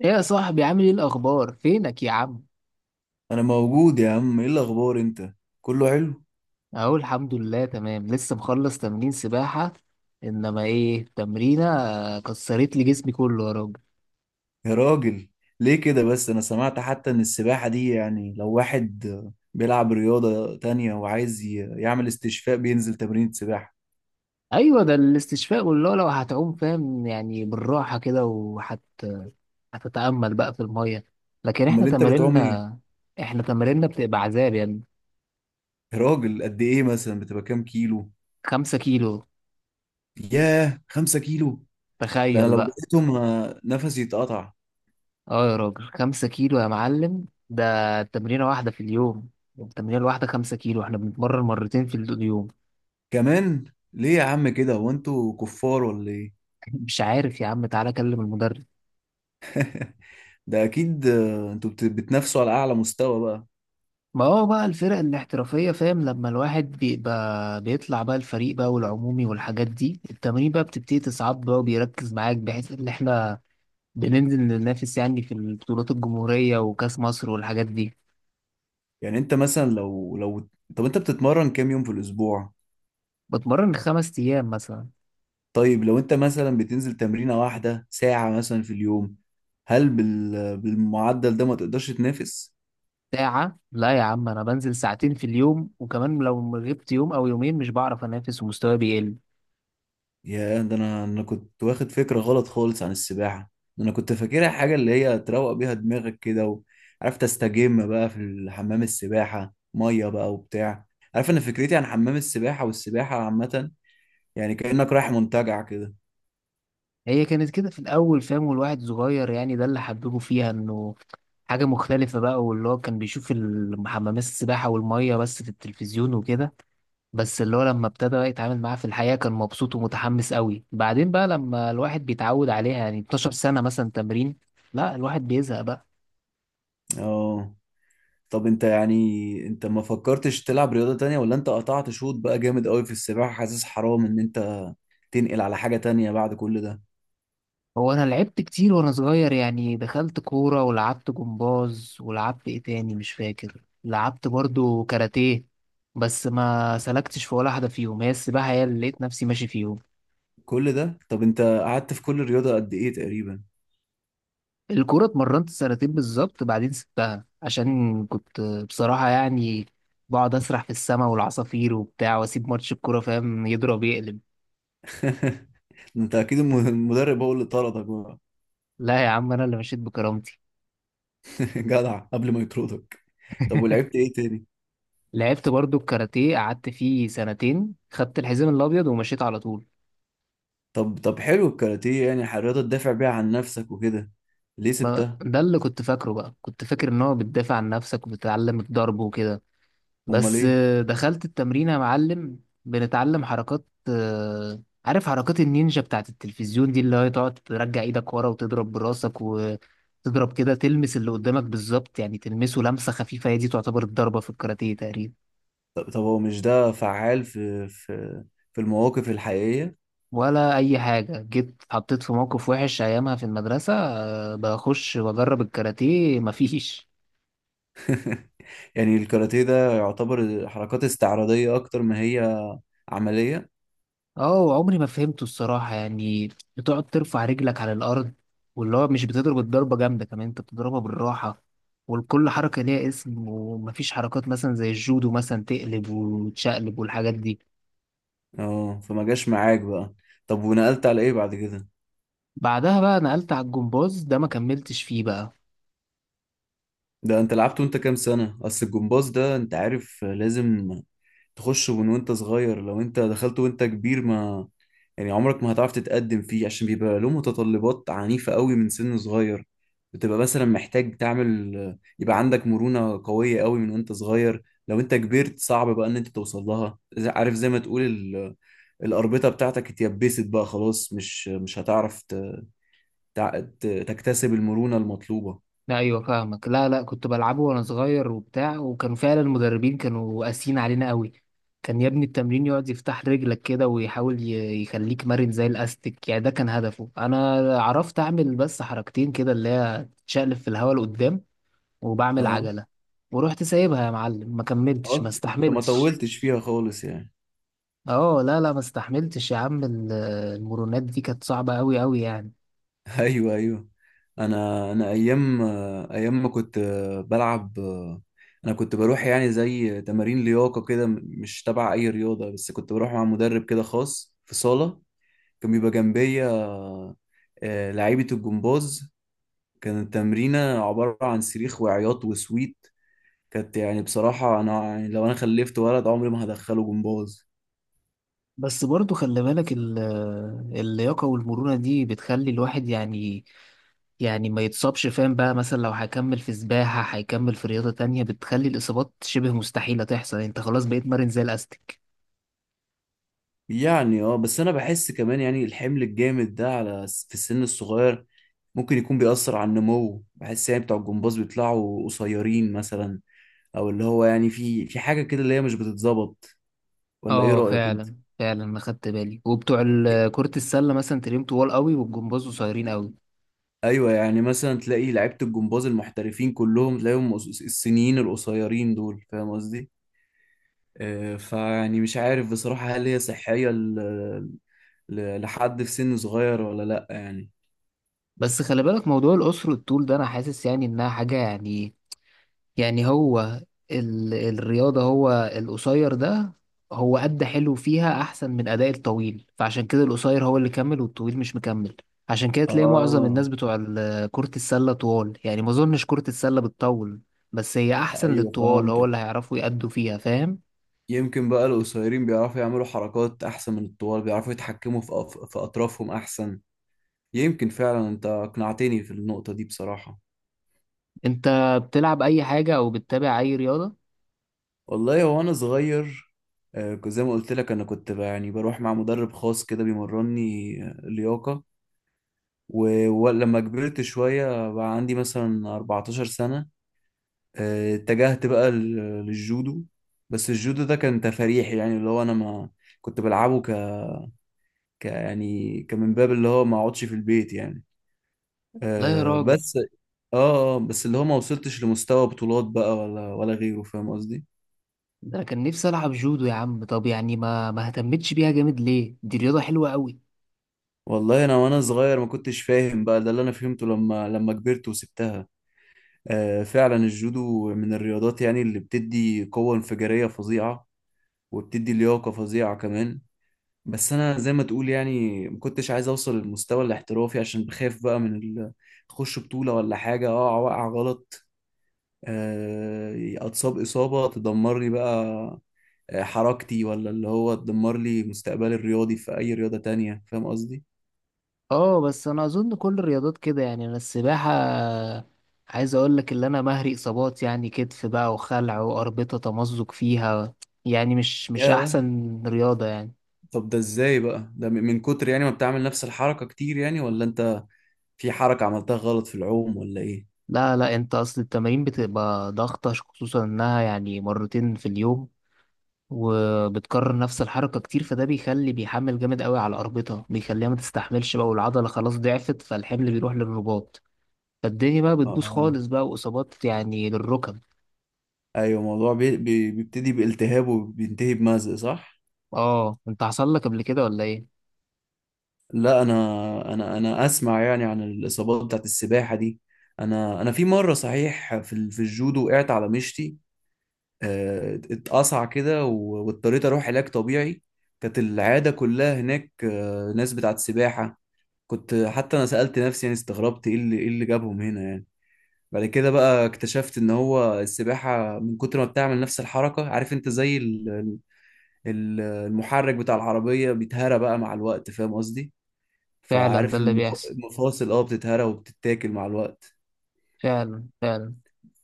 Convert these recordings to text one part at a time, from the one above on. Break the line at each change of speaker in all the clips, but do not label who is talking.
ايه يا صاحبي، عامل ايه الاخبار، فينك يا عم؟
انا موجود يا عم، ايه الاخبار انت؟ كله حلو.
اهو الحمد لله، تمام، لسه مخلص تمرين سباحة. انما ايه تمرينة، كسرت لي جسمي كله يا راجل.
يا راجل، ليه كده بس؟ انا سمعت حتى ان السباحة دي يعني لو واحد بيلعب رياضة تانية وعايز يعمل استشفاء بينزل تمرين سباحة.
ايوه ده الاستشفاء والله، لو هتعوم فاهم يعني بالراحة كده، هتتأمل بقى في المية. لكن احنا
امال انت بتعوم ايه؟
تمارينا، احنا تمارينا بتبقى عذاب يعني.
يا راجل، قد ايه مثلا بتبقى كام كيلو؟
خمسة كيلو،
ياه، خمسة كيلو! ده انا
تخيل
لو
بقى.
بقيتهم نفسي يتقطع.
اه يا راجل، خمسة كيلو يا معلم، ده تمرينة واحدة في اليوم. التمرينة الواحدة خمسة كيلو، احنا بنتمرن مرتين في اليوم.
كمان؟ ليه يا عم كده؟ هو انتوا كفار ولا ايه؟
مش عارف يا عم، تعالى كلم المدرب.
ده اكيد، انتوا بتنافسوا على اعلى مستوى بقى.
ما هو بقى الفرق الاحترافية فاهم، لما الواحد بيبقى بيطلع بقى الفريق بقى والعمومي والحاجات دي، التمرين بقى بتبتدي تصعب بقى وبيركز معاك، بحيث ان احنا بننزل ننافس يعني في البطولات الجمهورية وكأس مصر والحاجات دي.
يعني انت مثلا لو لو طب انت بتتمرن كام يوم في الاسبوع؟
بتمرن خمس أيام مثلا.
طيب لو انت مثلا بتنزل تمرينة واحدة ساعة مثلا في اليوم، هل بالمعدل ده ما تقدرش تنافس؟
ساعة؟ لا يا عم، أنا بنزل ساعتين في اليوم. وكمان لو غبت يوم أو يومين مش بعرف أنافس ومستواي بيقل.
يا، ده انا كنت واخد فكرة غلط خالص عن السباحة. ده انا كنت فاكرها حاجة اللي هي تروق بيها دماغك كده، وعارف تستجم بقى في حمام السباحة، مية بقى وبتاع. عارف، انا فكرتي عن حمام السباحة والسباحة عامة يعني كأنك رايح منتجع كده.
هي كانت كده في الأول فاهم، والواحد صغير يعني، ده اللي حببه فيها إنه حاجة مختلفة بقى، واللي هو كان بيشوف حمامات السباحة والمية بس في التلفزيون وكده. بس اللي هو لما ابتدى بقى يتعامل معاها في الحقيقة كان مبسوط ومتحمس قوي. بعدين بقى لما الواحد بيتعود عليها يعني 12 سنة مثلا تمرين، لا الواحد بيزهق بقى.
اه. طب انت يعني انت ما فكرتش تلعب رياضة تانية؟ ولا انت قطعت شوط بقى جامد قوي في السباحة، حاسس حرام ان انت تنقل على حاجة تانية بعد كل ده؟
هو أنا لعبت كتير وأنا صغير يعني، دخلت كورة ولعبت جمباز ولعبت إيه تاني مش فاكر، لعبت برضو كاراتيه. بس ما سلكتش في ولا حاجة فيهم، هي السباحة هي اللي لقيت نفسي ماشي فيهم.
كل ده؟ طب انت قعدت في كل رياضة قد ايه تقريبا؟
الكورة اتمرنت سنتين بالظبط، بعدين سبتها عشان كنت بصراحة يعني بقعد أسرح في السماء والعصافير وبتاع، وأسيب ماتش الكورة فاهم، يضرب يقلب.
انت اكيد المدرب هو اللي طردك بقى.
لا يا عم، أنا اللي مشيت بكرامتي.
جدع، قبل ما يطردك. طب، ولعبت ايه تاني؟
لعبت برضو الكاراتيه، قعدت فيه سنتين، خدت الحزام الأبيض ومشيت على طول.
طب، حلو الكاراتيه يعني، رياضة تدافع بيها عن نفسك وكده. ليه سبتها؟
ده اللي كنت فاكره بقى، كنت فاكر إن هو بتدافع عن نفسك وبتتعلم الضرب وكده.
امال
بس
ايه؟
دخلت التمرين يا معلم. بنتعلم حركات، عارف حركات النينجا بتاعت التلفزيون دي، اللي هي تقعد ترجع ايدك ورا وتضرب براسك وتضرب كده، تلمس اللي قدامك بالظبط يعني، تلمسه لمسة خفيفة، هي دي تعتبر الضربة في الكاراتيه تقريبا.
طب، هو مش ده فعال في المواقف الحقيقية؟
ولا أي حاجة، جيت اتحطيت في موقف وحش أيامها في المدرسة، بخش وأجرب الكاراتيه، مفيش.
يعني الكاراتيه ده يعتبر حركات استعراضية أكتر ما هي عملية؟
اه، عمري ما فهمته الصراحة يعني. بتقعد ترفع رجلك على الأرض. واللي هو مش بتضرب الضربة جامدة، كمان انت بتضربها بالراحة. والكل حركة ليها اسم، ومفيش حركات مثلا زي الجودو مثلا تقلب وتشقلب والحاجات دي.
اه، فما جاش معاك بقى. طب، ونقلت على إيه بعد كده؟
بعدها بقى نقلت على الجمباز، ده ما كملتش فيه بقى.
ده أنت لعبت وأنت كام سنة؟ أصل الجمباز ده أنت عارف، لازم تخش من وأنت صغير. لو أنت دخلت وأنت كبير، ما يعني عمرك ما هتعرف تتقدم فيه، عشان بيبقى له متطلبات عنيفة قوي من سن صغير. بتبقى مثلا محتاج تعمل، يبقى عندك مرونة قوية قوي من وانت صغير. لو انت كبرت صعب بقى ان انت توصل لها، عارف زي ما تقول الأربطة بتاعتك اتيبست بقى خلاص، مش هتعرف تكتسب المرونة المطلوبة.
لا، ايوه فاهمك، لا، لا، كنت بلعبه وانا صغير وبتاع، وكانوا فعلا المدربين كانوا قاسيين علينا قوي. كان يا ابني التمرين يقعد يفتح رجلك كده ويحاول يخليك مرن زي الاستيك يعني، ده كان هدفه. انا عرفت اعمل بس حركتين كده، اللي هي تشقلب في الهواء لقدام، وبعمل
اه.
عجلة. ورحت سايبها يا معلم، ما كملتش، ما
انت ما
استحملتش.
طولتش فيها خالص يعني.
اه، لا، لا، ما استحملتش يا عم، المرونات دي كانت صعبة قوي قوي يعني.
ايوه، ايوه. انا ايام ما كنت بلعب. انا كنت بروح يعني زي تمارين لياقه كده، مش تبع اي رياضه، بس كنت بروح مع مدرب كده خاص في صاله، كان بيبقى جنبيا لعيبه الجمباز. كانت التمرينه عباره عن صريخ وعياط وسويت. كانت يعني بصراحه انا، يعني لو انا خلفت ولد عمري ما هدخله جمباز.
بس برضو خلي بالك اللياقة والمرونة دي بتخلي الواحد يعني ما يتصابش فاهم بقى، مثلا لو هيكمل في سباحة هيكمل في رياضة تانية، بتخلي الإصابات شبه مستحيلة تحصل، انت خلاص بقيت مرن زي الأستك.
يعني اه، بس انا بحس كمان يعني الحمل الجامد ده على في السن الصغير ممكن يكون بيأثر على النمو. بحس يعني بتوع الجمباز بيطلعوا قصيرين مثلا، او اللي هو يعني في حاجة كده اللي هي مش بتتظبط، ولا ايه
اه،
رأيك انت؟
فعلا فعلا انا خدت بالي، وبتوع كرة السلة مثلا تلاقيهم طوال قوي، والجمباز قصيرين قوي.
ايوه، يعني مثلا تلاقي لعيبة الجمباز المحترفين كلهم تلاقيهم السنيين القصيرين دول، فاهم قصدي؟ فيعني مش عارف بصراحة، هل هي صحية لحد في سن صغير ولا لأ يعني؟
بس خلي بالك موضوع القصر والطول ده، انا حاسس يعني انها حاجة يعني هو الرياضة، هو القصير ده هو أدى حلو فيها أحسن من أداء الطويل، فعشان كده القصير هو اللي كمل والطويل مش مكمل. عشان كده تلاقي معظم
اه،
الناس بتوع كرة السلة طوال يعني، ما أظنش كرة السلة بتطول. بس هي أحسن
ايوه
للطوال، هو
فهمتك.
اللي هيعرفوا يأدوا فيها فاهم.
يمكن بقى القصيرين بيعرفوا يعملوا حركات أحسن من الطوال، بيعرفوا يتحكموا في أطرافهم أحسن. يمكن فعلا، أنت أقنعتني في النقطة دي بصراحة.
أنت بتلعب أي حاجة أو بتتابع أي رياضة؟
والله هو أنا صغير، زي ما قلت لك أنا كنت بقى يعني بروح مع مدرب خاص كده بيمرني لياقة. ولما كبرت شوية بقى عندي مثلا 14 سنة، اتجهت بقى للجودو. بس الجودو ده كان تفريحي يعني اللي هو أنا ما كنت بلعبه يعني كمن باب اللي هو ما أقعدش في البيت يعني.
لا يا
آه
راجل.
بس اه آه، بس اللي هو ما وصلتش لمستوى بطولات بقى ولا غيره، فاهم قصدي.
ده أنا كان نفسي ألعب جودو يا عم، طب يعني ما اهتمتش بيها جامد ليه؟ دي رياضة حلوة أوي.
والله انا وانا صغير ما كنتش فاهم بقى. ده اللي انا فهمته لما كبرت وسبتها. آه، فعلا الجودو من الرياضات يعني اللي بتدي قوة انفجارية فظيعة، وبتدي لياقة فظيعة كمان. بس انا زي ما تقول، يعني ما كنتش عايز اوصل للمستوى الاحترافي، عشان بخاف بقى من اخش بطولة ولا حاجة اقع وقع غلط، اتصاب اصابة تدمرني بقى حركتي، ولا اللي هو تدمر لي مستقبلي الرياضي في اي رياضة تانية، فاهم قصدي.
اه بس انا اظن كل الرياضات كده يعني، انا السباحه عايز اقول لك اللي انا مهري اصابات يعني، كتف بقى وخلع واربطه تمزق فيها. يعني مش
يا،
احسن رياضه يعني.
طب ده ازاي بقى؟ ده من كتر يعني ما بتعمل نفس الحركة كتير يعني، ولا انت في حركة عملتها غلط في العوم ولا ايه؟
لا، لا، انت اصل التمارين بتبقى ضغطه، خصوصا انها يعني مرتين في اليوم، وبتكرر نفس الحركه كتير، فده بيخلي بيحمل جامد قوي على الاربطه، بيخليها ما تستحملش بقى، والعضله خلاص ضعفت فالحمل بيروح للرباط. فالدنيا بقى بتبوظ
اه،
خالص بقى، واصابات يعني للركب.
ايوه، الموضوع بيبتدي بالتهاب وبينتهي بمزق، صح؟
اه، انت حصل لك قبل كده ولا ايه؟
لا، انا اسمع يعني عن الاصابات بتاعت السباحة دي. انا في مرة صحيح في الجودو وقعت على مشتي، اتقطع كده، واضطريت اروح علاج طبيعي. كانت العياده كلها هناك ناس بتاعت سباحه. كنت حتى انا سالت نفسي، يعني استغربت، ايه اللي جابهم هنا يعني. بعد كده بقى اكتشفت ان هو السباحه من كتر ما بتعمل نفس الحركه، عارف انت، زي المحرك بتاع العربيه بيتهرى بقى مع الوقت، فاهم قصدي.
فعلا، ده
فعارف،
اللي بيحصل،
المفاصل بتتهرى وبتتاكل مع الوقت.
فعلا فعلا.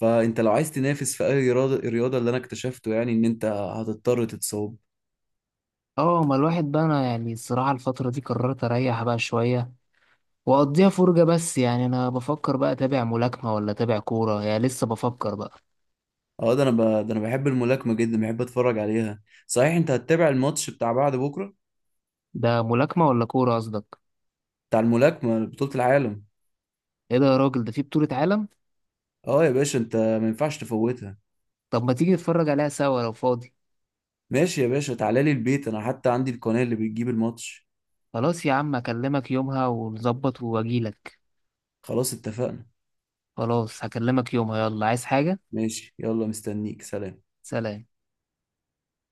فانت لو عايز تنافس في اي رياضه، الرياضه اللي انا اكتشفته يعني ان انت هتضطر تتصاب.
اه، ما الواحد بقى انا يعني، الصراحه الفتره دي قررت اريح بقى شويه، واقضيها فرجه بس، يعني انا بفكر بقى اتابع ملاكمه ولا اتابع كوره، يعني لسه بفكر بقى.
اه، ده انا بحب الملاكمه جدا، بحب اتفرج عليها. صحيح، انت هتتابع الماتش بتاع بعد بكره؟
ده ملاكمه ولا كوره قصدك؟
بتاع الملاكمه، بطوله العالم.
ايه ده يا راجل، ده في بطوله عالم؟
اه يا باشا، انت ما ينفعش تفوتها.
طب ما تيجي نتفرج عليها سوا لو فاضي؟
ماشي يا باشا، تعالى لي البيت، انا حتى عندي القناه اللي بتجيب الماتش.
خلاص يا عم، اكلمك يومها ونظبط واجيلك.
خلاص، اتفقنا.
خلاص، هكلمك يومها، يلا عايز حاجه؟
ماشي، يلا مستنيك. سلام.
سلام.